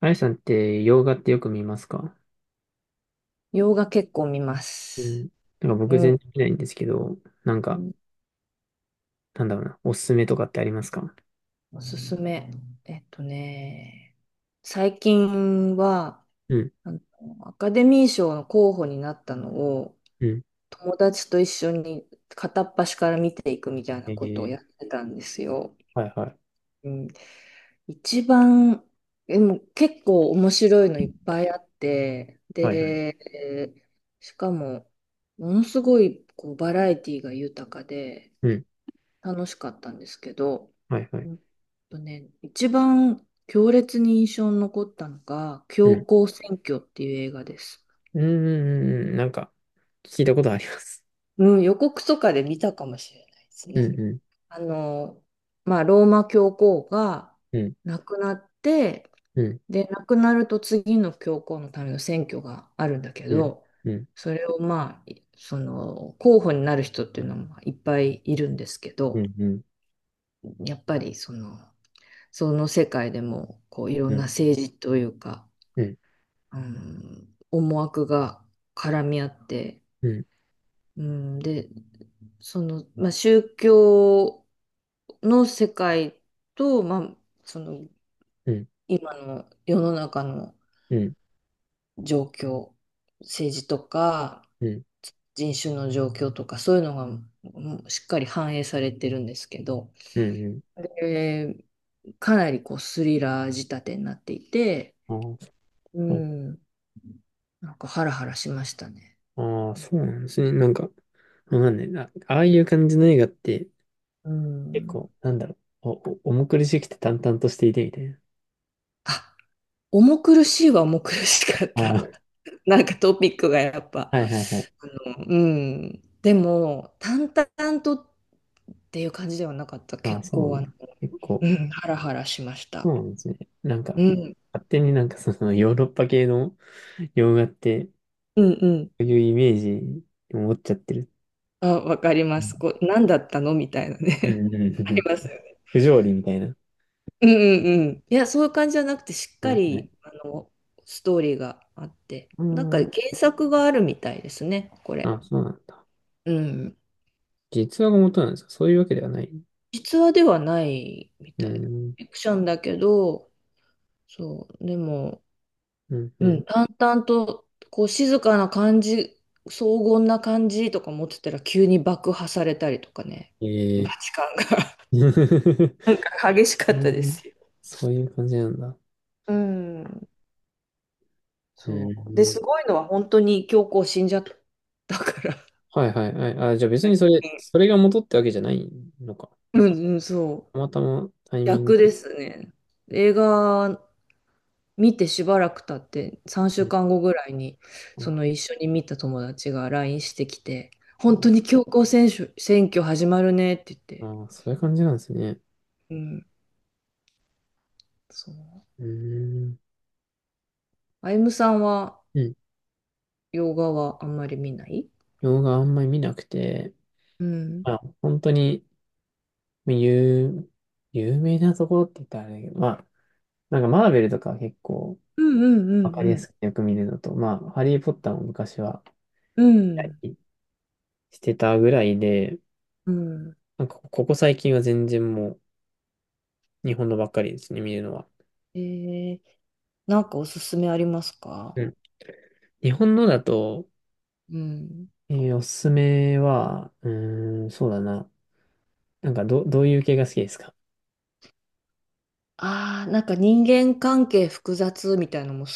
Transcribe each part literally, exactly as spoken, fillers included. あやさんって洋画ってよく見ますか？洋画結構見まうす。ん。なんかう僕全ん。然見ないんですけど、なんうか、ん、なんだろうな、おすすめとかってありますか？おすすめ。えっとね、最近は、うん、あの、アカデミー賞の候補になったのを、うん。友達と一緒に片っ端から見ていくみたいなえことをー、やってたんですよ。はいはい。うん。一番、でも結構面白いのいっぱいあって、はいはい。で、しかも、ものすごいこうバラエティが豊かで、うん、楽しかったんですけど、はいはい。うんとね、一番強烈に印象に残ったのが、う教ん。皇選挙っていう映画です。うん、うんうんうん、なんか、聞いたことあります。うん、予告とかで見たかもしれないですうね。ん、うん、あの、まあ、ローマ教皇がうん、亡くなって、うん、で、亡くなると次の教皇のための選挙があるんだけうん、ど、うん、それをまあ、いその、候補になる人っていうのもいっぱいいるんですけうど、ん、うん、やっぱりその、その世界でもこういろうんなん、政治というか、うん、うん、思惑が絡み合って、うん、うん、でその、まあ、宗教の世界と、まあ、そのうん、今の世の中のうん、うん、状況政治とか人種の状況とかそういうのがうんしっかり反映されてるんですけど、うん、うん。えーかなりこうスリラー仕立てになっていて。ああ、うそう。ん。なんかハラハラしましたね。ああ、そうなんですね。なんか、わかんないな。ああいう感じの映画って、う結ん。構、なんだろう、お、お、重苦しくて淡々としていてみたいな。あ、重苦しいは重苦しかった。あ なんかトピックがやっぱ。あ、はいはいはい。あの、うん。でも、淡々とっていう感じではなかった。ああ、結そう構、なあんの、だ。結構、うん、ハラハラしましそた。うなんですね。なんか、うん。勝手になんかそのヨーロッパ系の洋画って、うんうん。そういうイメージを持っちゃってる。あ、わかりまうす。んこう、何だったのみたいなうんね。うん あうりますよん、ね。不条理みたいな。うんうんうん。いや、そういう感じじゃなくて、しっはかいはい。り、あの、ストーリーがあって、うなんかん。原作があるみたいですね、これ。あ、そうなんだ。うん。実話が元なんですか？そういうわけではない。実話ではないみうたい。ん。フィクションだけど、そう、でも、うん、ううん、ん。淡々と、こう、静かな感じ、荘厳な感じとか持ってたら、急に爆破されたりとかね、バえチカンが え、 なん か激しかったですよ。そういう感じなんだ。うん、うそう。で、ん。すごいのは、本当に教皇死んじゃったからはいはいはい。あ、じゃあ別にそれ、それが元ってわけじゃないのか。うんうん、そう。たまたまタイミング逆でで。すね。映画見てしばらく経って、3週うん、間後ぐらいに、そあ、の一緒に見た友達が ライン してきて、本当そに強行選手、選挙始まるねって言って。う、あ、そういう感じなんですね。うん、そう。うーん。あゆむさんは、うん。洋画はあんまり見ない？動画あんまり見なくて、うん。まあ、本当に、有、有名なところって言ったらあれだけど、まあ、なんかマーベルとか結構うんうわんかりやうんすくてよく見るのと、まあ、ハリー・ポッターも昔はう見たん。りしてたぐらいで、うん。うん。なんかここ最近は全然もう日本のばっかりですね、見るのは。えー、なんかおすすめありますうか？ん、日本のだと、うん。えーおすすめは、うーん、そうだな。なんか、ど、どういう系が好きですか？ああ、なんか人間関係複雑みたいのも好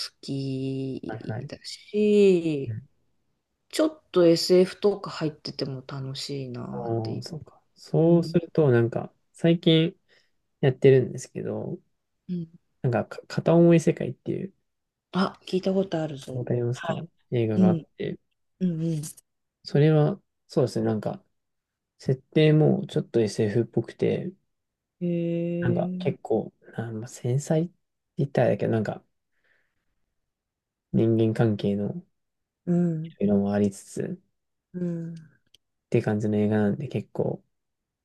はいきはい。だうし、ん、ちょっと エスエフ とか入ってても楽しいなっておいー、そうう。か。うそうすん。ると、なんか、最近やってるんですけど、うん。なんか、か片思い世界っていう、あ、聞いたことあるわぞ。かりますはか？い。映画うがあっん。て、うんうそれは、そうですね、なんか、設定もちょっと エスエフ っぽくて、ん。へなんか、結え。構、あ、まあ、繊細って言ったらあれだけど、なんか、人間関係のうん。色もありつつ、うん。って感じの映画なんで、結構、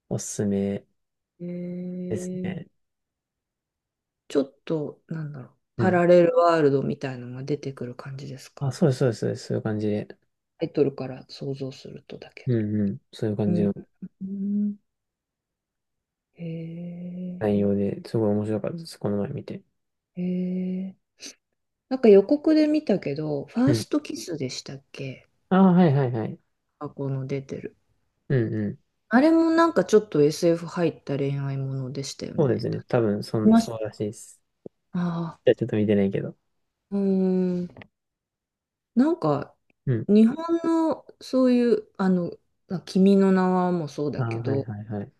おすすめへですえ。ね。ちょっと、なんだろう。うパん、ラレルワールドみたいのが出てくる感じですあ、か？そうです、そうです、そうです、そういう感じで。タイトルから想像するとだけど。うんうん。そういうう感じん。のうんへえ。内容で、すごい面白かったです、この前見て。へえ。なんか予告で見たけど、ファうーん。ストキスでしたっけ？ああ、はいはいはい。あ、この出てる。うんうん。あれもなんかちょっと エスエフ 入った恋愛ものでしたよそうですね。ね。多分、そ見ん、ましそうらた？しいです。ああ、じゃあちょっと見てないけど。うーん。なんか、うん。日本のそういう、あの、まあ君の名はもそうあだあ、けはいど、はいはい。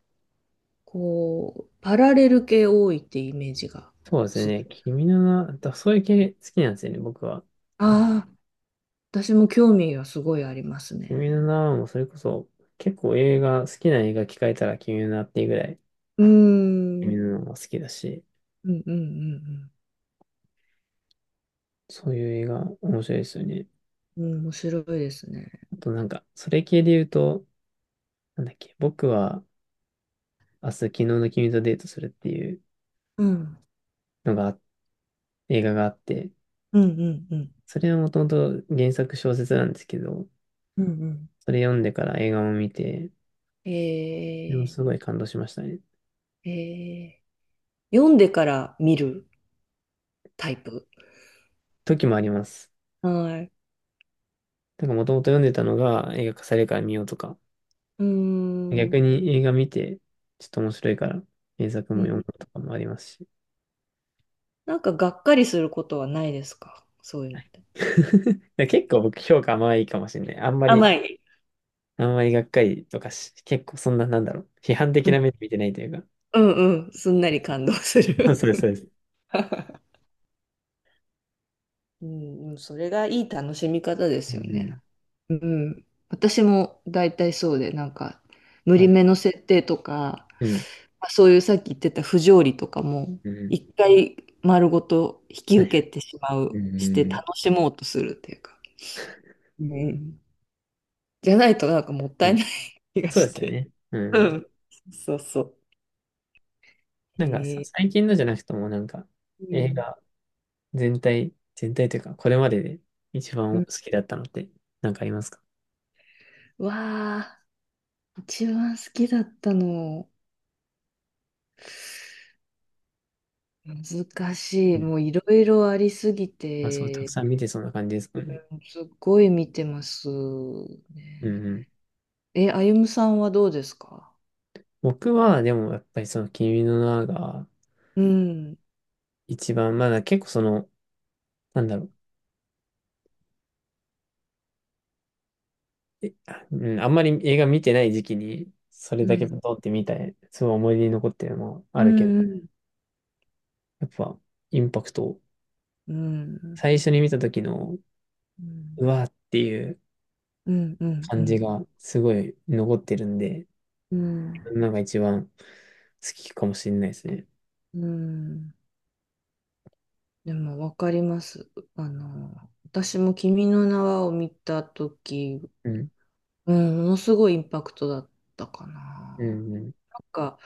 こう、パラレル系多いってイメージがそうですすごい。ね。君の名は、だそういう系好きなんですよね、僕は。けああ、私も興味がすごいありますね。君の名はもうそれこそ、結構映画、好きな映画聞かれたら君の名っていうぐらい、うー君ん。の名が好きだし、うんうんうんそういう映画面白いですよね。うん。うん面白いですね。あとなんか、それ系で言うと、なんだっけ、僕は、明日昨日の君とデートするっていううん。のが映画があって、うんうんうん。それはもともと原作小説なんですけど、うんうんそれ読んでから映画も見て、でもえすごい感動しましたね。ー、えー、読んでから見るタイプ。時もあります。はい。だからもともと読んでたのが映画化されるから見ようとか、うー逆ん。に映画見て、ちょっと面白いから原作もう読むんとかもありますし。なんかがっかりすることはないですかそういうのって？だから結構僕評価甘いかもしれない。あんまり、甘い。あんまりがっかりとかし、結構そんな、なんだろう。批判う的なん目で見てないというか。うんうん。すんなり感動す そうる。です、そうです。うんうん。それがいい楽しみ方でうすよんうん。ね。うん。私も大体そうで、なんか、無は理い。めの設定とか、うん。まあそういうさっき言ってた不条理とかも、うん。一回丸ごと引きはいはい。受けてしまうう、してん、楽しもうとするっていうか。うん。じゃないとなんかもったういん。ない気がそうでしすよて。ね。ううん。ん。そうそう。へなんかさ、え最近のじゃなくても、なんか、う映ん。画全体、全体というか、これまでで一う番ん好きだったのって、なんかありますか？わあ、一番好きだったの、難しうい。ん。もういろいろありすぎまあ、そう、たくて、さん見てそうな感じですもんね。すっごい見てますうね。ん、うん。え、あゆむさんはどうですか？僕は、でも、やっぱりその、君の名が、うん。一番、まだ結構その、なんだろう、え、あうん、あんまり映画見てない時期に、それうだけ通ん。ってみたい、すごい思い出に残ってるのもあうるけど、ん。やっぱ、インパクトうん。最初に見た時の、うん。うわーっていううん。うん。う感じん。がすごい残ってるんで、うんなんか一番好きかもしれないですね。うんでもわかります。あの、私も君の名はを見たとき、うん。うん、ものすごいインパクトだったかな。うん。なんか、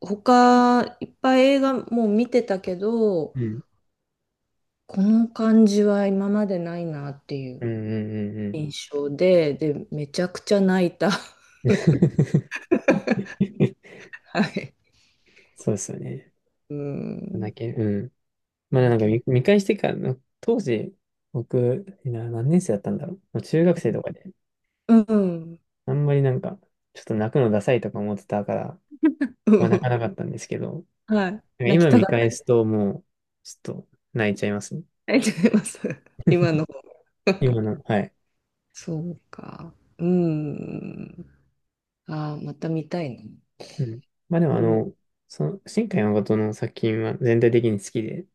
他、いっぱい映画もう見てたけど、うん。この感じは今までないなっていうん。う。うん。うん。うん。 印象で、で、めちゃくちゃ泣いた。はい。そうですよね。うだん。け、うん。まあ泣なんかきま、見、見返してからの、当時、僕、な、何年生だったんだろう。もう中学生とかで、うん。うん。あんまりなんか、ちょっと泣くのダサいとか思ってたから、うまあ泣かんなかったんですけど、なんはい。か泣き今た見かっ返た。すともう、ちょっと泣いちゃいますね。泣いちゃいます。今の。今 の、はい。そうか。うん。ああ、また見たいな。うん。まあでうもあん。の、その、新海誠の作品は全体的に好きで、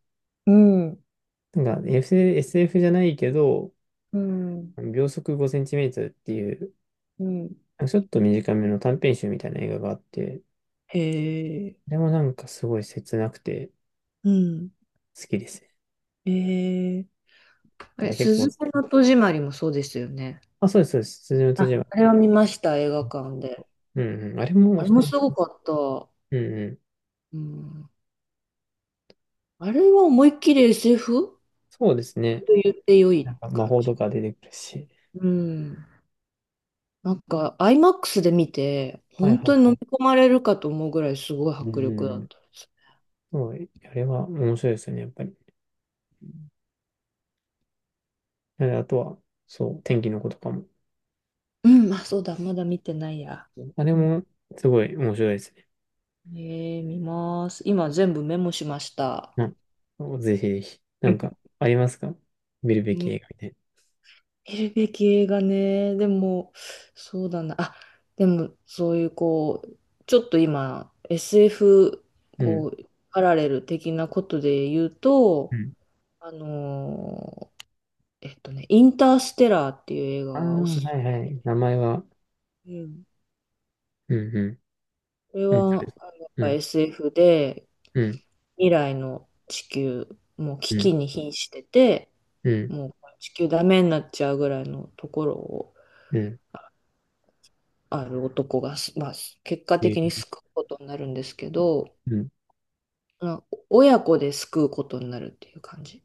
うん。なんか エスエフ、エフじゃないけど、うん。秒速ごセンチメートルっていう、うん。ちょっと短めの短編集みたいな映画があって、へえ。あれもなんかすごい切なくてうん。好きですね。へえ。あだかれ、ら結す構、ずめの戸締まりもそうですよね。あ、そうです、そうです。辻の戸あ、締まあれりは見ました、映画館で。と。うんうん。あれもあれ普通もに、すごかった。うんうん。うん。あれは思いっきり エスエフ そうですね。と言って良ないんか魔感法じ。とか出てくるし。うん。なんか アイマックス で見て、はい本は当いに飲はみい。込まれるかと思うぐらいすごいうんう迫力んだうっん。たです。そう、あれは面白いですよね、やっぱり。うん、ああとは、そう、天気の子とかも。うんあ、そうだ、まだ見てないや。あれもすごい面白いですね。ねえー、見ます。今全部メモしました。な、ぜひぜひ。なんか、ありますか？見るべうきん映画みたい見るべき映画ね。でも、そうだな。あ、でも、そういう、こう、ちょっと今、エスエフ、な。うん。こう、パラレル的なことで言ううと、ん。あのーえっとね、インターステラーっていう映画ああ、がおすすはいはい。名前は、めうん。め。うんうこれん。うん、それでは、す。あのやっうぱ ん、エスエフ で、うん、未来の地球、もうう危機ん、に瀕してて、うん、もう地球ダメになっちゃうぐらいのところを、うん。ある男がす、まあ、結果え的にー、救うことになるんですけど、うん、まあ親子で救うことになるっていう感じ。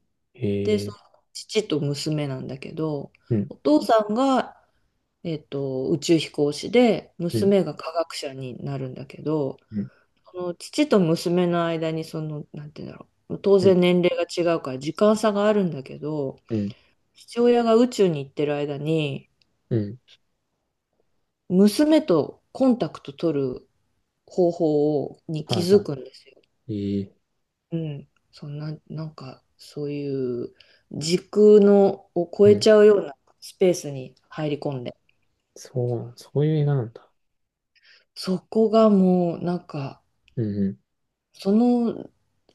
で、えそー、の父と娘なんだけど、うん、お父さんがえっと、宇宙飛行士で、うん、娘が科学者になるんだけど、うん、その父と娘の間に、その、なんて言うんだろう、当うん、然年齢が違うから時間差があるんだけど、うん、父親が宇宙に行ってる間に、うん。娘とコンタクト取る方法をには気いはづくんですよ。い。えー、うん。そんな、なんか、そういう時空のを超うえん。ちゃうようなスペースに入り込んで。そう、そういう映画なんだ。そこがもう、なんか、うん、その、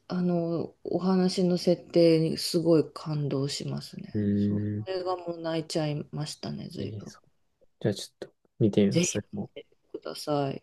あの、お話の設定にすごい感動しますね。うん。そう。こうーん。れがもう泣いちゃいましたね、え随ー、分。そう。じゃあちょっと見てみまぜす。ひ見てください。